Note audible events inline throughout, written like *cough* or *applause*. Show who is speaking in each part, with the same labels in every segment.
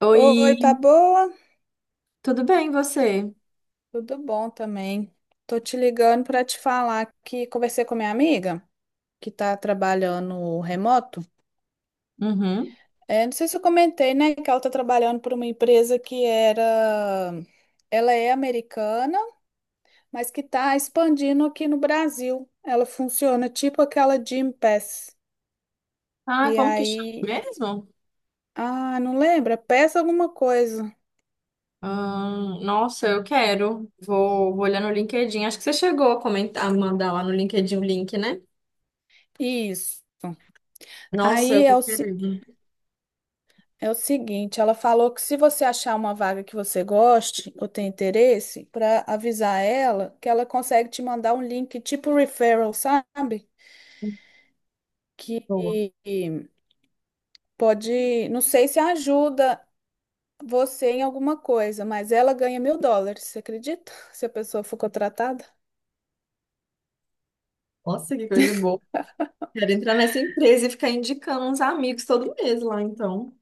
Speaker 1: Oi,
Speaker 2: Oi, tá boa?
Speaker 1: tudo bem, você?
Speaker 2: Tudo bom também. Tô te ligando para te falar que conversei com minha amiga que tá trabalhando remoto.
Speaker 1: Uhum.
Speaker 2: É, não sei se eu comentei, né, que ela tá trabalhando para uma empresa que era ela é americana, mas que tá expandindo aqui no Brasil. Ela funciona tipo aquela Gym Pass.
Speaker 1: Ah,
Speaker 2: E
Speaker 1: como que chama
Speaker 2: aí,
Speaker 1: mesmo?
Speaker 2: ah, não lembra? Peça alguma coisa.
Speaker 1: Nossa, eu quero. Vou olhar no LinkedIn. Acho que você chegou a comentar, a mandar lá no LinkedIn o link, né?
Speaker 2: Isso.
Speaker 1: Nossa, eu
Speaker 2: Aí
Speaker 1: tô
Speaker 2: é, o
Speaker 1: querendo.
Speaker 2: É o seguinte, ela falou que se você achar uma vaga que você goste ou tem interesse, para avisar ela que ela consegue te mandar um link tipo referral, sabe?
Speaker 1: Boa.
Speaker 2: Que pode, não sei se ajuda você em alguma coisa, mas ela ganha US$ 1.000, você acredita? *laughs* Se a pessoa for contratada?
Speaker 1: Nossa, que coisa boa. Quero entrar nessa empresa e ficar indicando uns amigos todo mês lá, então.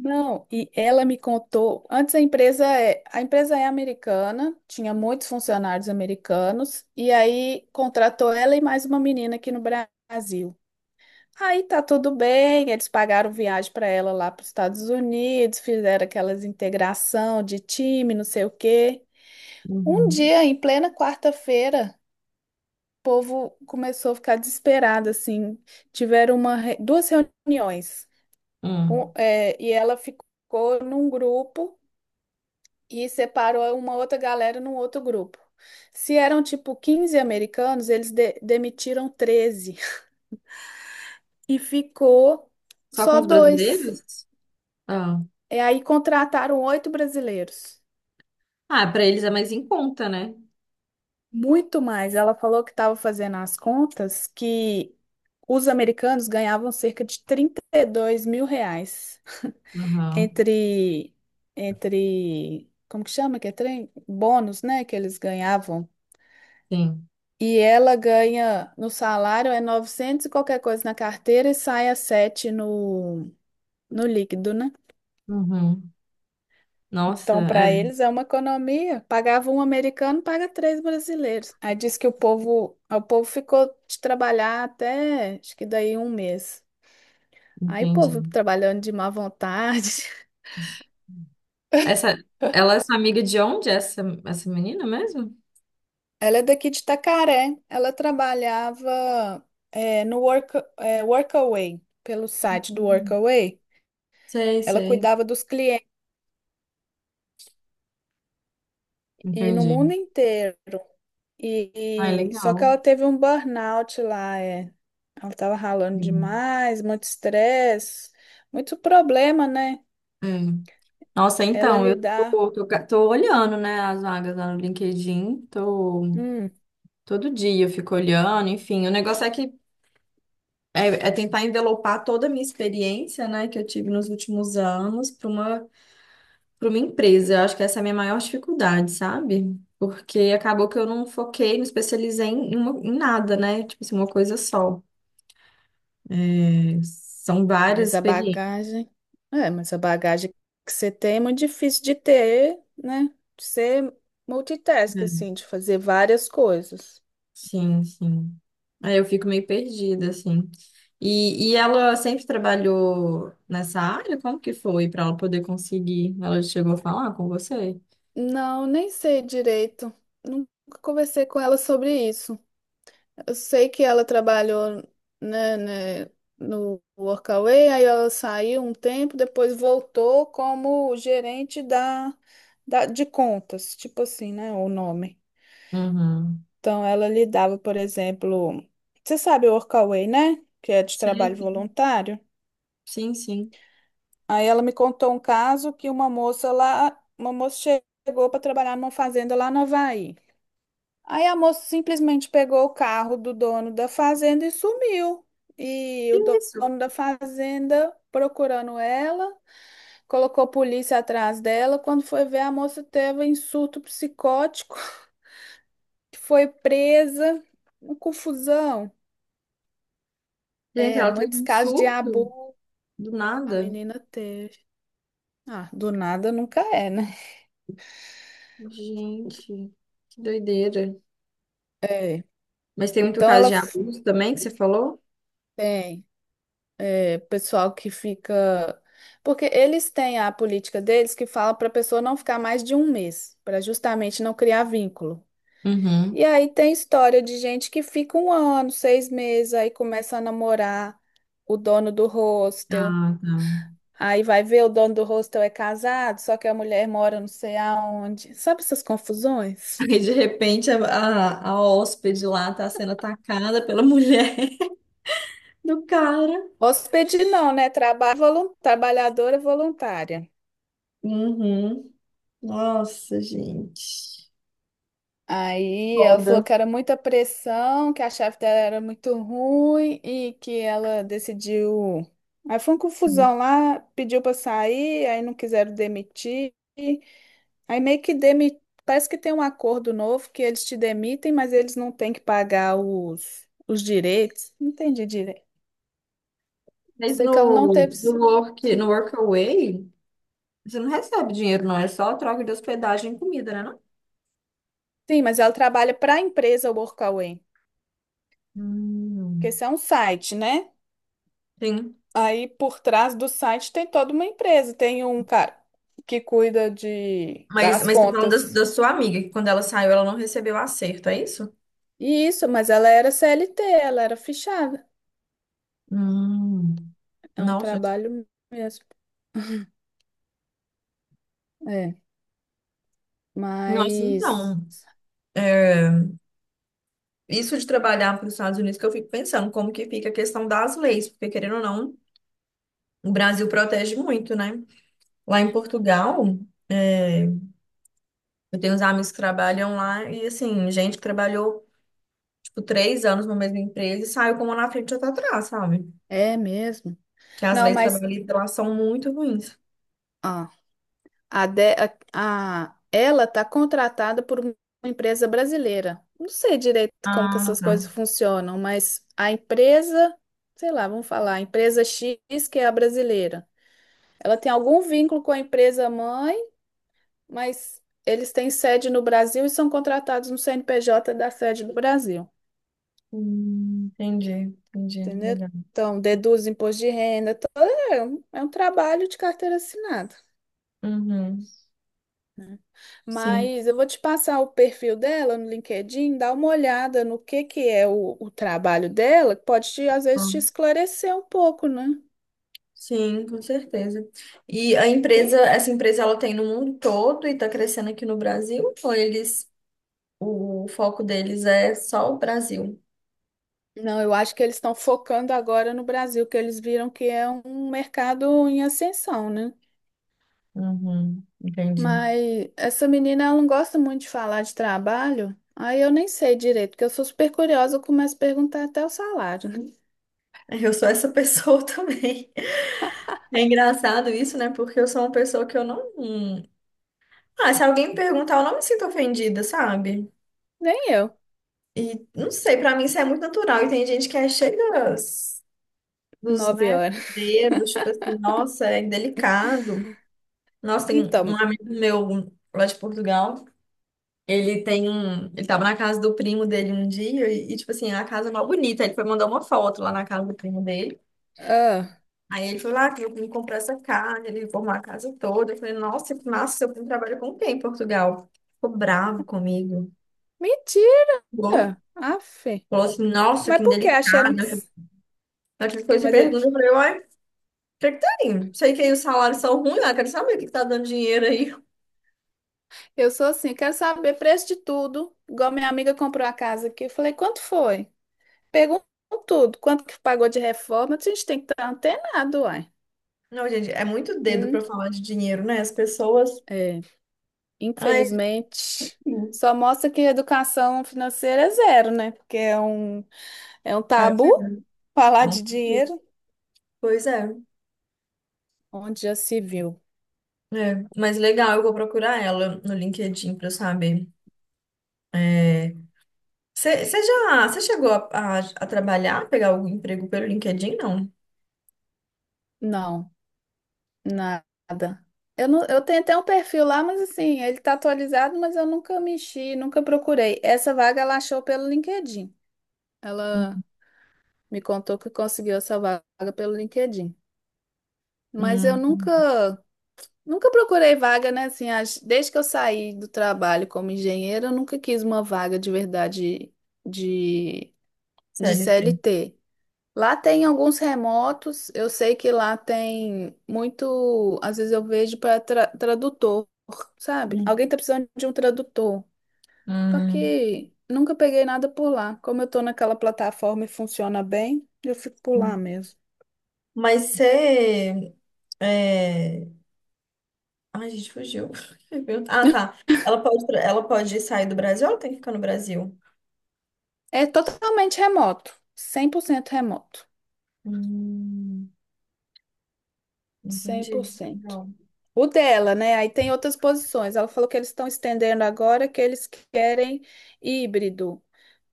Speaker 2: Não, e ela me contou, antes a empresa é americana, tinha muitos funcionários americanos, e aí contratou ela e mais uma menina aqui no Brasil. Aí tá tudo bem, eles pagaram viagem para ela lá para os Estados Unidos, fizeram aquelas integração de time, não sei o quê. Um
Speaker 1: Uhum.
Speaker 2: dia, em plena quarta-feira, o povo começou a ficar desesperado, assim. Tiveram duas reuniões. Um,
Speaker 1: Hum.
Speaker 2: é, e ela ficou num grupo e separou uma outra galera num outro grupo. Se eram tipo 15 americanos, eles demitiram 13 e ficou
Speaker 1: Só com
Speaker 2: só
Speaker 1: os
Speaker 2: dois.
Speaker 1: brasileiros? Ah,
Speaker 2: E aí contrataram oito brasileiros,
Speaker 1: ah, para eles é mais em conta, né?
Speaker 2: muito mais. Ela falou que estava fazendo as contas que os americanos ganhavam cerca de R$ 32.000 *laughs*
Speaker 1: Aham,
Speaker 2: entre, entre, como que chama que é trem? Bônus, né, que eles ganhavam.
Speaker 1: sim.
Speaker 2: E ela ganha no salário é 900 e qualquer coisa na carteira e sai a 7 no líquido, né?
Speaker 1: Uhum. Nossa,
Speaker 2: Então,
Speaker 1: é,
Speaker 2: para eles é uma economia. Pagava um americano, paga três brasileiros. Aí diz que o povo ficou de trabalhar até, acho que daí um mês. Aí o
Speaker 1: entendi.
Speaker 2: povo trabalhando de má vontade.
Speaker 1: Essa, ela é sua amiga de onde? Essa menina mesmo?
Speaker 2: *laughs* Ela é daqui de Itacaré. Ela trabalhava é, no work, é, Workaway, pelo site do
Speaker 1: Uhum.
Speaker 2: Workaway.
Speaker 1: Sei,
Speaker 2: Ela
Speaker 1: sei.
Speaker 2: cuidava dos clientes e no
Speaker 1: Entendi.
Speaker 2: mundo inteiro.
Speaker 1: Ah, é
Speaker 2: Só que
Speaker 1: legal.
Speaker 2: ela teve um burnout lá, é. Ela tava ralando
Speaker 1: Uhum.
Speaker 2: demais, muito estresse, muito problema, né?
Speaker 1: É. Nossa,
Speaker 2: Ela
Speaker 1: então, eu tô,
Speaker 2: lidar,
Speaker 1: tô, ca- tô olhando, né, as vagas lá no LinkedIn. Tô,
Speaker 2: Hum,
Speaker 1: todo dia eu fico olhando, enfim. O negócio é que é, é tentar envelopar toda a minha experiência, né, que eu tive nos últimos anos para para uma empresa. Eu acho que essa é a minha maior dificuldade, sabe? Porque acabou que eu não foquei, me especializei em, uma- em nada, né? Tipo assim, uma coisa só. São várias
Speaker 2: mas a
Speaker 1: experiências.
Speaker 2: bagagem. É, mas a bagagem que você tem é muito difícil de ter, né? De ser multitask,
Speaker 1: Né?
Speaker 2: assim, de fazer várias coisas.
Speaker 1: Sim, sim. Aí eu fico meio perdida, assim. E ela sempre trabalhou nessa área? Como que foi para ela poder conseguir? Ela chegou a falar com você?
Speaker 2: Não, nem sei direito. Nunca conversei com ela sobre isso. Eu sei que ela trabalhou, né, no Workaway. Aí ela saiu um tempo, depois voltou como gerente de contas, tipo assim, né, o nome.
Speaker 1: Uhum.
Speaker 2: Então, ela lidava, por exemplo, você sabe o Workaway, né? Que é de
Speaker 1: Sei,
Speaker 2: trabalho
Speaker 1: sei.
Speaker 2: voluntário.
Speaker 1: Sim, sim.
Speaker 2: Aí ela me contou um caso que uma moça chegou para trabalhar numa fazenda lá no Havaí. Aí a moça simplesmente pegou o carro do dono da fazenda e sumiu. E
Speaker 1: Que
Speaker 2: o
Speaker 1: isso.
Speaker 2: dono da fazenda procurando ela, colocou a polícia atrás dela. Quando foi ver, a moça teve um surto psicótico, *laughs* foi presa, uma confusão.
Speaker 1: Gente,
Speaker 2: É,
Speaker 1: ela teve
Speaker 2: muitos
Speaker 1: um
Speaker 2: casos de
Speaker 1: surto
Speaker 2: abuso
Speaker 1: do
Speaker 2: a
Speaker 1: nada.
Speaker 2: menina teve. Ah, do nada nunca é, né?
Speaker 1: Gente, que doideira.
Speaker 2: É.
Speaker 1: Mas tem muito
Speaker 2: Então
Speaker 1: caso de abuso também que você falou?
Speaker 2: tem. É, pessoal que fica. Porque eles têm a política deles que fala para a pessoa não ficar mais de um mês, para justamente não criar vínculo. E
Speaker 1: Uhum.
Speaker 2: aí tem história de gente que fica um ano, 6 meses, aí começa a namorar o dono do hostel.
Speaker 1: Ah, tá.
Speaker 2: Aí vai ver, o dono do hostel é casado, só que a mulher mora não sei aonde. Sabe essas confusões?
Speaker 1: Aí, de repente, a hóspede lá tá sendo atacada pela mulher *laughs* do cara.
Speaker 2: Hóspede não, né? Trabalhadora voluntária.
Speaker 1: Uhum. Nossa, gente.
Speaker 2: Aí ela falou
Speaker 1: Foda.
Speaker 2: que era muita pressão, que a chefe dela era muito ruim e que ela decidiu. Aí foi uma confusão lá, pediu para sair, aí não quiseram demitir. Aí parece que tem um acordo novo que eles te demitem, mas eles não têm que pagar os direitos. Não entendi direito.
Speaker 1: Mas
Speaker 2: Sei que ela não
Speaker 1: no,
Speaker 2: teve.
Speaker 1: no work, no Workaway, você não recebe dinheiro, não. É só troca de hospedagem e comida, né? Não?
Speaker 2: Sim, mas ela trabalha para a empresa Workaway, porque
Speaker 1: Hum.
Speaker 2: isso é um site, né?
Speaker 1: Sim.
Speaker 2: Aí por trás do site tem toda uma empresa, tem um cara que cuida de
Speaker 1: Mas,
Speaker 2: das
Speaker 1: mas você tá falando da,
Speaker 2: contas.
Speaker 1: da sua amiga, que quando ela saiu, ela não recebeu acerto, é isso?
Speaker 2: E isso, mas ela era CLT, ela era fichada.
Speaker 1: Hum.
Speaker 2: É um
Speaker 1: Nossa.
Speaker 2: trabalho mesmo. É,
Speaker 1: Nossa,
Speaker 2: mas
Speaker 1: então. É, isso de trabalhar para os Estados Unidos que eu fico pensando, como que fica a questão das leis, porque querendo ou não, o Brasil protege muito, né? Lá em Portugal, é, eu tenho uns amigos que trabalham lá e assim, gente que trabalhou tipo três anos numa mesma empresa e saiu com uma na frente e outra atrás, sabe?
Speaker 2: é mesmo.
Speaker 1: Que as
Speaker 2: Não,
Speaker 1: leis
Speaker 2: mas
Speaker 1: trabalhistas lá são muito ruins.
Speaker 2: ó, a, de, a- ela tá contratada por uma empresa brasileira. Não sei direito como que
Speaker 1: Ah,
Speaker 2: essas coisas
Speaker 1: tá.
Speaker 2: funcionam, mas a empresa, sei lá, vamos falar, a empresa X que é a brasileira. Ela tem algum vínculo com a empresa mãe, mas eles têm sede no Brasil e são contratados no CNPJ da sede do Brasil,
Speaker 1: Entendi, entendi,
Speaker 2: entendeu?
Speaker 1: legal.
Speaker 2: Então, deduz imposto de renda, é um trabalho de carteira assinada,
Speaker 1: Uhum,
Speaker 2: né?
Speaker 1: sim.
Speaker 2: Mas eu vou te passar o perfil dela no LinkedIn, dá uma olhada no que é o trabalho dela, que pode te, às vezes te esclarecer um pouco, né?
Speaker 1: Sim, com certeza. E a empresa, essa empresa ela tem no mundo todo e está crescendo aqui no Brasil, ou eles, o foco deles é só o Brasil?
Speaker 2: Não, eu acho que eles estão focando agora no Brasil, que eles viram que é um mercado em ascensão, né?
Speaker 1: Uhum, entendi.
Speaker 2: Mas essa menina, ela não gosta muito de falar de trabalho. Aí eu nem sei direito, porque eu sou super curiosa, eu começo a perguntar até o salário. *laughs* Né?
Speaker 1: Eu sou essa pessoa *laughs* também. É engraçado isso, né? Porque eu sou uma pessoa que eu não. Ah, se alguém me perguntar, eu não me sinto ofendida, sabe?
Speaker 2: Nem eu,
Speaker 1: E não sei, pra mim isso é muito natural. E tem gente que é cheia dos, dos,
Speaker 2: nove
Speaker 1: né,
Speaker 2: horas.
Speaker 1: dedos, tipo assim, nossa, é delicado. Nossa, tem um
Speaker 2: Então,
Speaker 1: amigo meu lá de Portugal. Ele tem um. Ele tava na casa do primo dele um dia e, tipo assim, a casa é mó bonita. Ele foi mandar uma foto lá na casa do primo dele.
Speaker 2: ah,
Speaker 1: Aí ele falou, ah, que eu vim comprar essa casa, ele reformou a casa toda. Eu falei, nossa, que seu primo trabalha com quem em Portugal? Ficou bravo comigo.
Speaker 2: mentira!
Speaker 1: Bom.
Speaker 2: Aff.
Speaker 1: Falou assim, nossa, que
Speaker 2: Mas por que achando que...
Speaker 1: indelicada. Aquela coisa, você
Speaker 2: Mas
Speaker 1: pergunta,
Speaker 2: ele...
Speaker 1: eu falei, uai, pra que tá indo? Sei que aí os salários são ruins, ah, quero saber o que que tá dando dinheiro aí.
Speaker 2: eu sou assim, quero saber preço de tudo. Igual minha amiga comprou a casa aqui, eu falei, quanto foi? Pergunto tudo, quanto que pagou de reforma, a gente tem que estar antenado, uai.
Speaker 1: Não, gente, é muito dedo pra
Speaker 2: Hum,
Speaker 1: falar de dinheiro, né? As pessoas.
Speaker 2: é.
Speaker 1: Ai,
Speaker 2: Infelizmente,
Speaker 1: sim.
Speaker 2: só mostra que educação financeira é zero, né? Porque é um
Speaker 1: É,
Speaker 2: tabu
Speaker 1: verdade. É
Speaker 2: falar
Speaker 1: um-
Speaker 2: de
Speaker 1: pouco.
Speaker 2: dinheiro
Speaker 1: Pois é.
Speaker 2: onde já se viu.
Speaker 1: É, mas legal, eu vou procurar ela no LinkedIn pra eu saber. Você já, você chegou a trabalhar, pegar algum emprego pelo LinkedIn? Não.
Speaker 2: Não, nada. Eu, não, eu tenho até um perfil lá, mas assim, ele tá atualizado, mas eu nunca mexi, nunca procurei. Essa vaga ela achou pelo LinkedIn. Ela me contou que conseguiu essa vaga pelo LinkedIn. Mas eu
Speaker 1: Hum,
Speaker 2: nunca. Nunca procurei vaga, né? Assim, desde que eu saí do trabalho como engenheira, eu nunca quis uma vaga de verdade de, de
Speaker 1: CLT.
Speaker 2: CLT. Lá tem alguns remotos, eu sei que lá tem muito. Às vezes eu vejo para tradutor, sabe?
Speaker 1: Hum,
Speaker 2: Alguém tá precisando de um tradutor. Só
Speaker 1: hum,
Speaker 2: que nunca peguei nada por lá. Como eu tô naquela plataforma e funciona bem, eu fico por lá
Speaker 1: hum.
Speaker 2: mesmo.
Speaker 1: Mas você. É... Ai, gente, fugiu. *laughs* Ah, tá. Ela pode, tra- ela pode sair do Brasil ou ela tem que ficar no Brasil?
Speaker 2: É totalmente remoto, 100% remoto.
Speaker 1: Hum,
Speaker 2: Cem por
Speaker 1: entendi.
Speaker 2: cento
Speaker 1: Não.
Speaker 2: O dela, né? Aí tem outras posições. Ela falou que eles estão estendendo agora que eles querem híbrido,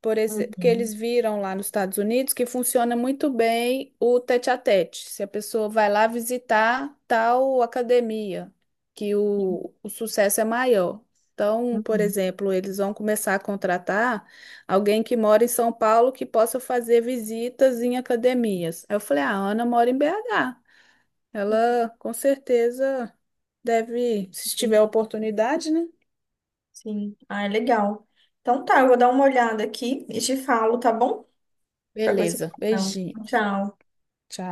Speaker 2: por exemplo, que eles
Speaker 1: Uhum,
Speaker 2: viram lá nos Estados Unidos que funciona muito bem o tete-a-tete. Se a pessoa vai lá visitar tal academia, que o sucesso é maior. Então, por
Speaker 1: uhum.
Speaker 2: exemplo, eles vão começar a contratar alguém que mora em São Paulo que possa fazer visitas em academias. Aí eu falei, ah, a Ana mora em BH.
Speaker 1: Uhum.
Speaker 2: Ela com certeza deve, se tiver oportunidade, né?
Speaker 1: Sim. Ah, é legal. Então tá, eu vou dar uma olhada aqui e te falo, tá bom? Qualquer coisa. Eu
Speaker 2: Beleza,
Speaker 1: falo.
Speaker 2: beijinhos.
Speaker 1: Tchau.
Speaker 2: Tchau.